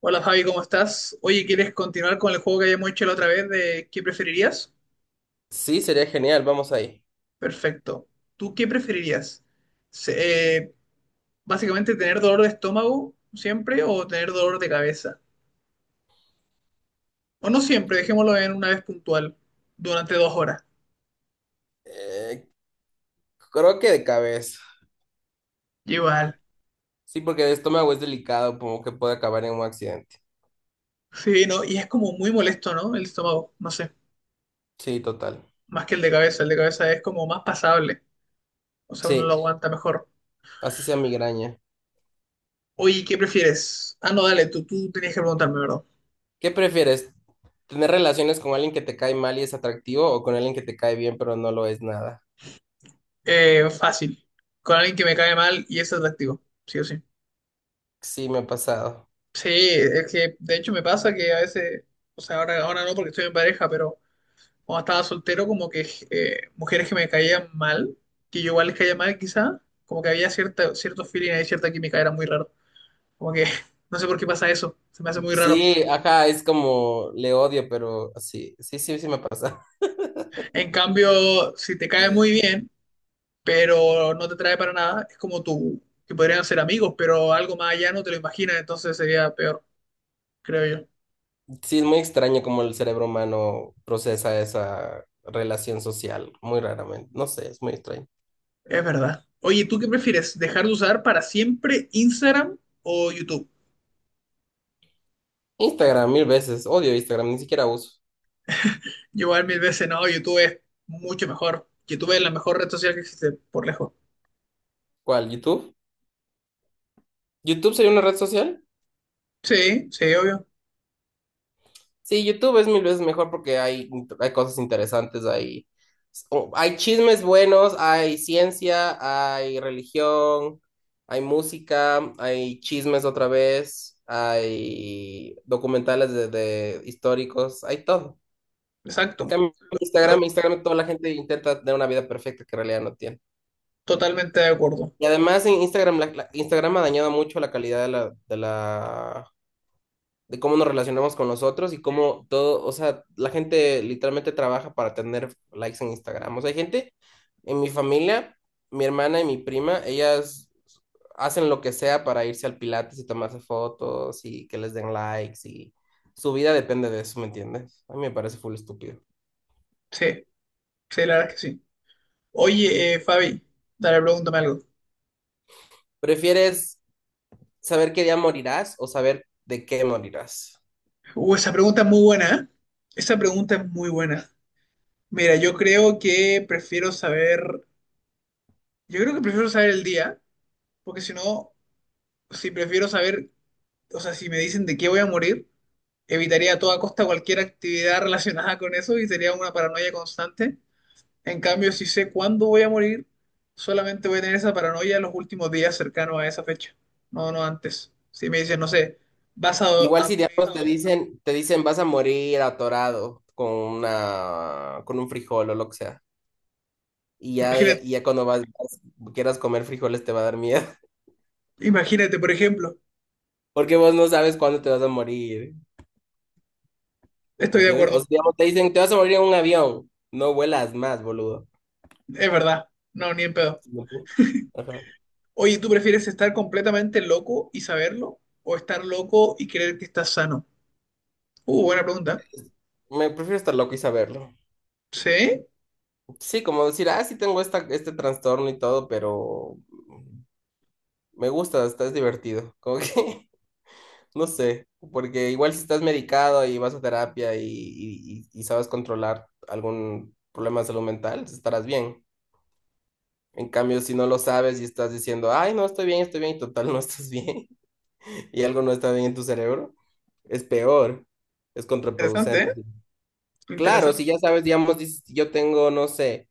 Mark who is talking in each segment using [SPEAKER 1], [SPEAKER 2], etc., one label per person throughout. [SPEAKER 1] Hola Javi, ¿cómo estás? Oye, ¿quieres continuar con el juego que habíamos hecho la otra vez de qué preferirías?
[SPEAKER 2] Sí, sería genial, vamos ahí.
[SPEAKER 1] Perfecto. ¿Tú qué preferirías? Se- eh, Básicamente tener dolor de estómago siempre o tener dolor de cabeza. O no siempre, dejémoslo en una vez puntual, durante 2 horas.
[SPEAKER 2] Eh, Creo que de cabeza.
[SPEAKER 1] Igual.
[SPEAKER 2] Sí, porque el estómago es delicado, como que puede acabar en un accidente.
[SPEAKER 1] Sí, no, y es como muy molesto, ¿no? El estómago, no sé,
[SPEAKER 2] Sí, total.
[SPEAKER 1] más que el de cabeza. El de cabeza es como más pasable, o sea, uno lo
[SPEAKER 2] Sí,
[SPEAKER 1] aguanta mejor.
[SPEAKER 2] así sea migraña.
[SPEAKER 1] Oye, ¿qué prefieres? Ah, no, dale, tú tenías que preguntarme, ¿verdad?
[SPEAKER 2] ¿Qué prefieres? ¿Tener relaciones con alguien que te cae mal y es atractivo o con alguien que te cae bien pero no lo es nada?
[SPEAKER 1] Fácil. Con alguien que me cae mal y es atractivo, sí o sí.
[SPEAKER 2] Sí, me ha pasado.
[SPEAKER 1] Sí, es que de hecho me pasa que a veces, o sea, ahora no porque estoy en pareja, pero cuando estaba soltero, como que mujeres que me caían mal, que yo igual les caía mal quizá, como que había cierto feeling ahí, cierta química, era muy raro. Como que no sé por qué pasa eso, se me hace muy raro.
[SPEAKER 2] Sí, ajá, es como le odio, pero sí, sí, sí, sí me pasa.
[SPEAKER 1] En cambio, si te cae muy bien, pero no te trae para nada, es como tú, que podrían ser amigos, pero algo más allá no te lo imaginas, entonces sería peor, creo yo.
[SPEAKER 2] Sí, es muy extraño cómo el cerebro humano procesa esa relación social, muy raramente. No sé, es muy extraño.
[SPEAKER 1] Es verdad. Oye, ¿tú qué prefieres? ¿Dejar de usar para siempre Instagram o YouTube?
[SPEAKER 2] Instagram, mil veces. Odio Instagram, ni siquiera uso.
[SPEAKER 1] Yo igual mil veces no, YouTube es mucho mejor. YouTube es la mejor red social que existe, por lejos.
[SPEAKER 2] ¿Cuál? ¿YouTube? ¿YouTube sería una red social?
[SPEAKER 1] Sí, sí, obvio.
[SPEAKER 2] Sí, YouTube es mil veces mejor porque hay, hay cosas interesantes, hay, hay chismes buenos, hay ciencia, hay religión, hay música, hay chismes otra vez, hay documentales de históricos, hay todo. En
[SPEAKER 1] Exacto.
[SPEAKER 2] cambio,
[SPEAKER 1] Lo
[SPEAKER 2] Instagram,
[SPEAKER 1] que-
[SPEAKER 2] Instagram, toda la gente intenta tener una vida perfecta que en realidad no tiene.
[SPEAKER 1] Totalmente de acuerdo.
[SPEAKER 2] Y además en Instagram, Instagram ha dañado mucho la calidad de cómo nos relacionamos con los otros y cómo todo, o sea, la gente literalmente trabaja para tener likes en Instagram. O sea, hay gente en mi familia, mi hermana y mi prima, ellas hacen lo que sea para irse al Pilates y tomarse fotos y que les den likes y su vida depende de eso, ¿me entiendes? A mí me parece full estúpido.
[SPEAKER 1] Sí, sí, la verdad es que sí. Oye, Fabi, dale, pregúntame algo.
[SPEAKER 2] Prefieres saber qué día morirás o saber de qué morirás?
[SPEAKER 1] Esa pregunta es muy buena, ¿eh? Esa pregunta es muy buena. Mira, yo creo que prefiero saber el día, porque si no, si prefiero saber o sea, si me dicen de qué voy a morir, evitaría a toda costa cualquier actividad relacionada con eso y sería una paranoia constante. En cambio, si sé cuándo voy a morir, solamente voy a tener esa paranoia en los últimos días cercanos a esa fecha, no, no antes. Si me dicen, no sé, vas
[SPEAKER 2] Igual
[SPEAKER 1] a
[SPEAKER 2] si
[SPEAKER 1] morir,
[SPEAKER 2] diablos te dicen vas a morir atorado con una, con un frijol o lo que sea. Y ya,
[SPEAKER 1] imagínate,
[SPEAKER 2] ya, ya cuando vas, quieras comer frijoles te va a dar miedo.
[SPEAKER 1] imagínate, por ejemplo,
[SPEAKER 2] Porque vos no sabes cuándo te vas a morir.
[SPEAKER 1] estoy de
[SPEAKER 2] ¿Entiendes? O
[SPEAKER 1] acuerdo,
[SPEAKER 2] si digamos, te dicen te vas a morir en un avión. No vuelas más, boludo.
[SPEAKER 1] es verdad, no, ni en pedo.
[SPEAKER 2] Ajá.
[SPEAKER 1] Oye, ¿tú prefieres estar completamente loco y saberlo o estar loco y creer que estás sano? Buena pregunta.
[SPEAKER 2] Me prefiero estar loco y saberlo.
[SPEAKER 1] Sí,
[SPEAKER 2] Sí, como decir, ah, sí tengo este trastorno y todo, pero me gusta, está, es divertido. Como que no sé, porque igual si estás medicado y vas a terapia y sabes controlar algún problema de salud mental, estarás bien. En cambio, si no lo sabes y estás diciendo, ay, no, estoy bien, y total, no estás bien, y algo no está bien en tu cerebro, es peor, es
[SPEAKER 1] interesante,
[SPEAKER 2] contraproducente.
[SPEAKER 1] ¿eh?
[SPEAKER 2] Claro,
[SPEAKER 1] Interesante.
[SPEAKER 2] si ya sabes, digamos, dices, yo tengo, no sé,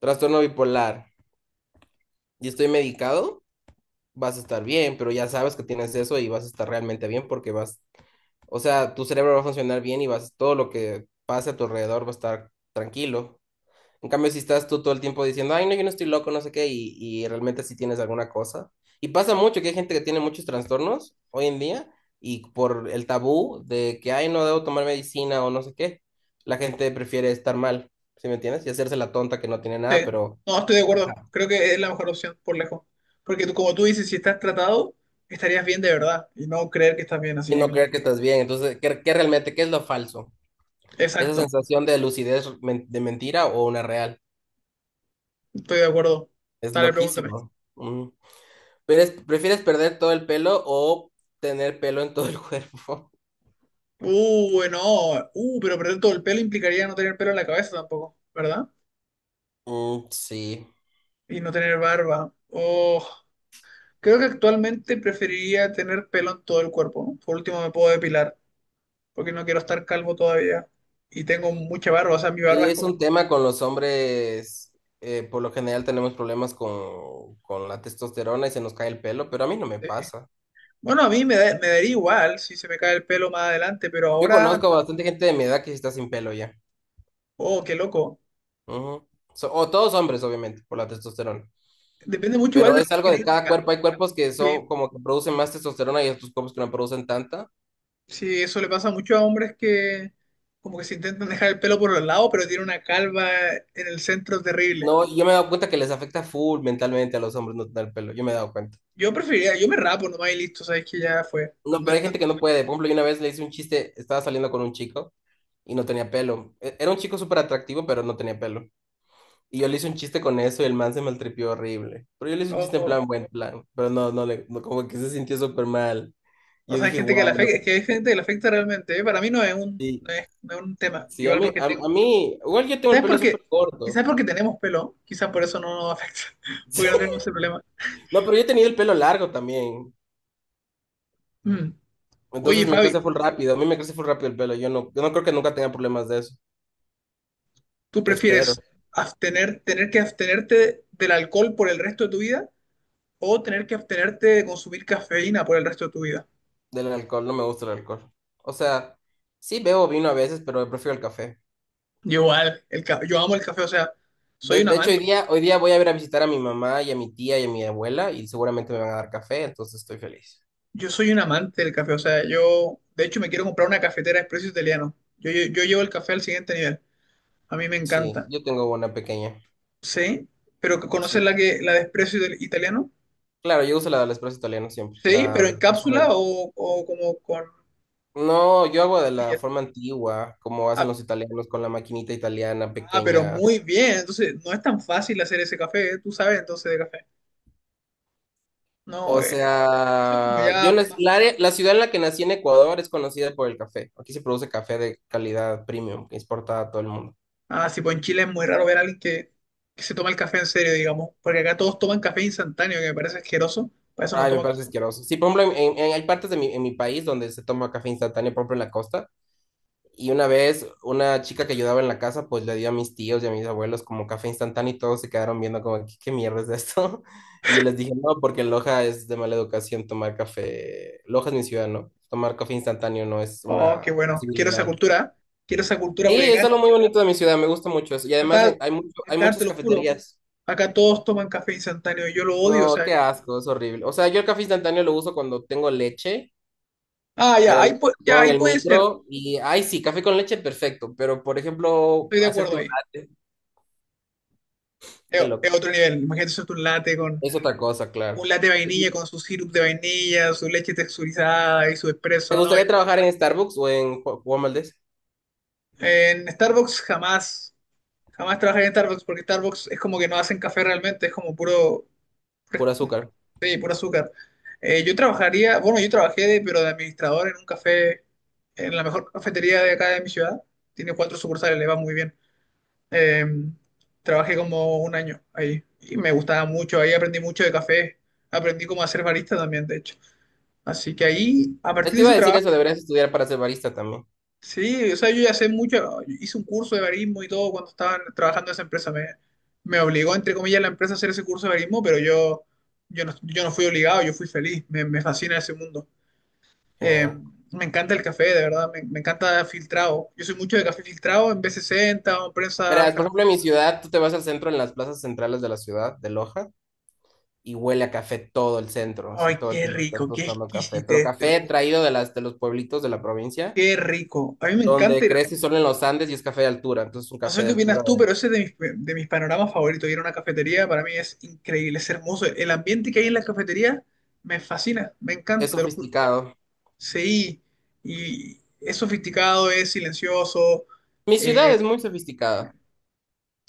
[SPEAKER 2] trastorno bipolar y estoy medicado, vas a estar bien, pero ya sabes que tienes eso y vas a estar realmente bien porque vas. O sea, tu cerebro va a funcionar bien y vas, todo lo que pase a tu alrededor va a estar tranquilo. En cambio, si estás tú todo el tiempo diciendo, ay, no, yo no estoy loco, no sé qué, y realmente sí tienes alguna cosa. Y pasa mucho que hay gente que tiene muchos trastornos hoy en día y por el tabú de que, ay, no debo tomar medicina o no sé qué, la gente prefiere estar mal, ¿sí me entiendes? Y hacerse la tonta que no tiene
[SPEAKER 1] Sí,
[SPEAKER 2] nada, pero
[SPEAKER 1] no, estoy de acuerdo. Creo que es la mejor opción, por lejos. Porque tú, como tú dices, si estás tratado, estarías bien de verdad y no creer que estás bien, así
[SPEAKER 2] y
[SPEAKER 1] que
[SPEAKER 2] no creer
[SPEAKER 1] mucho.
[SPEAKER 2] que estás bien. Entonces, ¿qué, qué realmente, qué es lo falso? Esa
[SPEAKER 1] Exacto,
[SPEAKER 2] sensación de lucidez de mentira o una real.
[SPEAKER 1] estoy de acuerdo.
[SPEAKER 2] Es
[SPEAKER 1] Dale, pregúntame.
[SPEAKER 2] loquísimo. Mm. ¿Prefieres perder todo el pelo o tener pelo en todo el cuerpo?
[SPEAKER 1] Bueno, pero perder todo el pelo implicaría no tener pelo en la cabeza tampoco, ¿verdad?
[SPEAKER 2] Mm, sí.
[SPEAKER 1] Y no tener barba. Oh, creo que actualmente preferiría tener pelo en todo el cuerpo. Por último, me puedo depilar, porque no quiero estar calvo todavía. Y tengo mucha barba, o sea, mi barba
[SPEAKER 2] Sí,
[SPEAKER 1] es
[SPEAKER 2] es
[SPEAKER 1] como...
[SPEAKER 2] un tema con los hombres. Por lo general tenemos problemas con la testosterona y se nos cae el pelo, pero a mí no me
[SPEAKER 1] eh,
[SPEAKER 2] pasa.
[SPEAKER 1] Bueno, a mí me daría igual si se me cae el pelo más adelante, pero
[SPEAKER 2] Yo
[SPEAKER 1] ahora,
[SPEAKER 2] conozco bastante gente de mi edad que sí está sin pelo ya.
[SPEAKER 1] oh, qué loco.
[SPEAKER 2] Ujú. O todos hombres, obviamente, por la testosterona.
[SPEAKER 1] Depende mucho igual de
[SPEAKER 2] Pero
[SPEAKER 1] la
[SPEAKER 2] es algo de cada
[SPEAKER 1] genética.
[SPEAKER 2] cuerpo. Hay cuerpos que
[SPEAKER 1] Sí,
[SPEAKER 2] son como que producen más testosterona y otros cuerpos que no producen tanta.
[SPEAKER 1] sí, eso le pasa mucho a hombres que como que se intentan dejar el pelo por los lados, pero tiene una calva en el centro terrible.
[SPEAKER 2] No, yo me he dado cuenta que les afecta full mentalmente a los hombres no tener pelo. Yo me he dado cuenta.
[SPEAKER 1] Yo me rapo nomás y listo, sabes que ya fue. No
[SPEAKER 2] No, pero hay
[SPEAKER 1] intento-
[SPEAKER 2] gente que no puede. Por ejemplo, yo una vez le hice un chiste, estaba saliendo con un chico y no tenía pelo. Era un chico súper atractivo, pero no tenía pelo. Y yo le hice un chiste con eso y el man se maltripió horrible. Pero yo le hice un chiste en
[SPEAKER 1] O,
[SPEAKER 2] plan, buen plan. Pero no, no, le, no, como que se sintió súper mal. Y
[SPEAKER 1] o
[SPEAKER 2] yo
[SPEAKER 1] sea, hay
[SPEAKER 2] dije,
[SPEAKER 1] gente que le
[SPEAKER 2] wow, no.
[SPEAKER 1] afecta, que hay gente que le afecta realmente. ¿Eh? Para mí
[SPEAKER 2] Sí,
[SPEAKER 1] no es un tema.
[SPEAKER 2] sí, a
[SPEAKER 1] Igual
[SPEAKER 2] mí,
[SPEAKER 1] porque
[SPEAKER 2] a,
[SPEAKER 1] tengo,
[SPEAKER 2] a mí, igual yo tengo el
[SPEAKER 1] quizás
[SPEAKER 2] pelo súper
[SPEAKER 1] porque,
[SPEAKER 2] corto.
[SPEAKER 1] quizás porque tenemos pelo, quizás por eso no nos afecta, porque no tenemos ese problema.
[SPEAKER 2] No, pero yo he tenido el pelo largo también.
[SPEAKER 1] Mm. Oye,
[SPEAKER 2] Entonces me
[SPEAKER 1] Fabi,
[SPEAKER 2] crece full rápido. A mí me crece full rápido el pelo. Yo no creo que nunca tenga problemas de eso.
[SPEAKER 1] ¿tú
[SPEAKER 2] Espero.
[SPEAKER 1] prefieres tener que abstenerte del alcohol por el resto de tu vida o tener que abstenerte de consumir cafeína por el resto de tu vida?
[SPEAKER 2] Del alcohol, no me gusta el alcohol. O sea, sí bebo vino a veces, pero prefiero el café.
[SPEAKER 1] Yo igual, yo amo el café, o sea, soy
[SPEAKER 2] De,
[SPEAKER 1] un
[SPEAKER 2] de hecho, hoy
[SPEAKER 1] amante,
[SPEAKER 2] día, hoy día voy a ir a visitar a mi mamá y a mi tía y a mi abuela y seguramente me van a dar café, entonces estoy feliz.
[SPEAKER 1] yo soy un amante del café, o sea, yo, de hecho, me quiero comprar una cafetera expreso italiano. Yo llevo el café al siguiente nivel, a mí me
[SPEAKER 2] Sí,
[SPEAKER 1] encanta.
[SPEAKER 2] yo tengo una pequeña.
[SPEAKER 1] Sí, pero ¿conoces
[SPEAKER 2] Sí.
[SPEAKER 1] la de expreso italiano?
[SPEAKER 2] Claro, yo uso la del espresso italiano siempre,
[SPEAKER 1] Sí,
[SPEAKER 2] la
[SPEAKER 1] pero
[SPEAKER 2] de...
[SPEAKER 1] en cápsula o como con
[SPEAKER 2] No, yo hago de la
[SPEAKER 1] pastillas.
[SPEAKER 2] forma antigua, como hacen los italianos con la maquinita italiana
[SPEAKER 1] Ah, pero
[SPEAKER 2] pequeña.
[SPEAKER 1] muy bien. Entonces, no es tan fácil hacer ese café. ¿Eh? Tú sabes entonces de café. No,
[SPEAKER 2] O
[SPEAKER 1] eso es como
[SPEAKER 2] sea,
[SPEAKER 1] ya más.
[SPEAKER 2] la, la ciudad en la que nací en Ecuador es conocida por el café. Aquí se produce café de calidad premium que exporta a todo el mundo.
[SPEAKER 1] Ah, sí, pues en Chile es muy raro ver a alguien que se toma el café en serio, digamos. Porque acá todos toman café instantáneo, que me parece asqueroso. Para eso no
[SPEAKER 2] Ay, me
[SPEAKER 1] tomo
[SPEAKER 2] parece
[SPEAKER 1] café.
[SPEAKER 2] asqueroso. Sí, por ejemplo, hay partes de mi, en mi país donde se toma café instantáneo, por ejemplo, en la costa. Y una vez, una chica que ayudaba en la casa, pues le dio a mis tíos y a mis abuelos como café instantáneo y todos se quedaron viendo como, ¿qué, qué mierda es esto? Y yo les dije, no, porque en Loja es de mala educación tomar café. Loja es mi ciudad, ¿no? Tomar café instantáneo no es
[SPEAKER 1] Oh, qué
[SPEAKER 2] una
[SPEAKER 1] bueno. Quiero esa
[SPEAKER 2] posibilidad.
[SPEAKER 1] cultura. ¿Eh? Quiero esa cultura
[SPEAKER 2] Sí,
[SPEAKER 1] porque
[SPEAKER 2] es algo muy bonito de mi ciudad, me gusta mucho eso. Y además
[SPEAKER 1] acá,
[SPEAKER 2] hay mucho, hay
[SPEAKER 1] acá te
[SPEAKER 2] muchas
[SPEAKER 1] lo juro.
[SPEAKER 2] cafeterías.
[SPEAKER 1] Acá todos toman café instantáneo y yo lo odio. O
[SPEAKER 2] No,
[SPEAKER 1] sea,
[SPEAKER 2] qué asco, es horrible. O sea, yo el café instantáneo lo uso cuando tengo leche
[SPEAKER 1] ah,
[SPEAKER 2] y a
[SPEAKER 1] ya,
[SPEAKER 2] la
[SPEAKER 1] ahí,
[SPEAKER 2] leche la
[SPEAKER 1] ya,
[SPEAKER 2] pongo en
[SPEAKER 1] ahí
[SPEAKER 2] el
[SPEAKER 1] puede ser.
[SPEAKER 2] micro y, ay, sí, café con leche, perfecto. Pero, por ejemplo,
[SPEAKER 1] Estoy de
[SPEAKER 2] hacerte
[SPEAKER 1] acuerdo
[SPEAKER 2] un
[SPEAKER 1] ahí.
[SPEAKER 2] latte,
[SPEAKER 1] Es,
[SPEAKER 2] qué
[SPEAKER 1] es
[SPEAKER 2] loco.
[SPEAKER 1] otro nivel. Imagínate hacerte
[SPEAKER 2] Es otra cosa, claro.
[SPEAKER 1] un latte de vainilla con su sirup de vainilla, su leche texturizada y su
[SPEAKER 2] ¿Te
[SPEAKER 1] espresso, ¿no?
[SPEAKER 2] gustaría trabajar en Starbucks o en Juan Valdez?
[SPEAKER 1] En Starbucks jamás, jamás trabajé en Starbucks porque Starbucks es como que no hacen café realmente, es como puro,
[SPEAKER 2] Por azúcar.
[SPEAKER 1] sí, puro azúcar. Bueno, yo trabajé pero de administrador en un café, en la mejor cafetería de acá de mi ciudad. Tiene cuatro sucursales, le va muy bien. Eh, Trabajé como un año ahí y me gustaba mucho, ahí aprendí mucho de café, aprendí cómo hacer barista también, de hecho. Así que ahí, a partir
[SPEAKER 2] Te
[SPEAKER 1] de
[SPEAKER 2] iba a
[SPEAKER 1] ese
[SPEAKER 2] decir
[SPEAKER 1] trabajo,
[SPEAKER 2] eso, deberías estudiar para ser barista también.
[SPEAKER 1] sí, o sea, yo ya sé mucho, hice un curso de barismo y todo cuando estaba trabajando en esa empresa. Me obligó, entre comillas, la empresa a hacer ese curso de barismo, pero yo no fui obligado, yo fui feliz, me fascina ese mundo. Eh,
[SPEAKER 2] Genial.
[SPEAKER 1] Me encanta el café, de verdad, me encanta filtrado. Yo soy mucho de café filtrado en B60 o en prensa
[SPEAKER 2] Verás, por ejemplo, en mi
[SPEAKER 1] francesa.
[SPEAKER 2] ciudad, tú te vas al centro, en las plazas centrales de la ciudad, de Loja. Y huele a café todo el centro, así
[SPEAKER 1] Ay,
[SPEAKER 2] todo el
[SPEAKER 1] qué
[SPEAKER 2] tiempo están
[SPEAKER 1] rico, qué
[SPEAKER 2] tostando café, pero
[SPEAKER 1] exquisitez, te lo
[SPEAKER 2] café
[SPEAKER 1] juro.
[SPEAKER 2] traído de las de los pueblitos de la provincia,
[SPEAKER 1] Qué rico. A mí me encanta
[SPEAKER 2] donde
[SPEAKER 1] ir
[SPEAKER 2] crece solo en los Andes y es café de altura, entonces es un
[SPEAKER 1] No
[SPEAKER 2] café
[SPEAKER 1] sé
[SPEAKER 2] de
[SPEAKER 1] qué opinas
[SPEAKER 2] altura,
[SPEAKER 1] tú, pero ese es de mis, panoramas favoritos. Ir a una cafetería para mí es increíble, es hermoso. El ambiente que hay en la cafetería me fascina, me
[SPEAKER 2] es
[SPEAKER 1] encanta, te lo juro.
[SPEAKER 2] sofisticado.
[SPEAKER 1] Sí, y es sofisticado, es silencioso.
[SPEAKER 2] Mi ciudad es
[SPEAKER 1] eh,
[SPEAKER 2] muy sofisticada.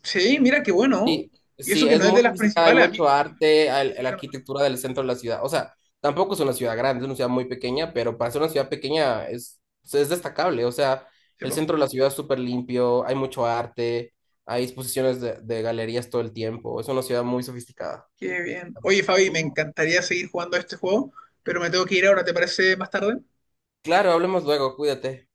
[SPEAKER 1] sí, mira qué bueno.
[SPEAKER 2] Sí,
[SPEAKER 1] Y eso
[SPEAKER 2] sí,
[SPEAKER 1] que
[SPEAKER 2] es
[SPEAKER 1] no es
[SPEAKER 2] muy
[SPEAKER 1] de las
[SPEAKER 2] sofisticada, hay
[SPEAKER 1] principales, a mí
[SPEAKER 2] mucho arte,
[SPEAKER 1] ni
[SPEAKER 2] la
[SPEAKER 1] siquiera me suena.
[SPEAKER 2] arquitectura del centro de la ciudad. O sea, tampoco es una ciudad grande, es una ciudad muy pequeña, pero para ser una ciudad pequeña es destacable. O sea,
[SPEAKER 1] Sí,
[SPEAKER 2] el
[SPEAKER 1] po.
[SPEAKER 2] centro de la ciudad es súper limpio, hay mucho arte, hay exposiciones de galerías todo el tiempo. Es una ciudad muy sofisticada.
[SPEAKER 1] Qué bien. Oye, Fabi, me
[SPEAKER 2] Ujú.
[SPEAKER 1] encantaría seguir jugando a este juego, pero me tengo que ir ahora, ¿te parece más tarde?
[SPEAKER 2] Claro, hablemos luego, cuídate.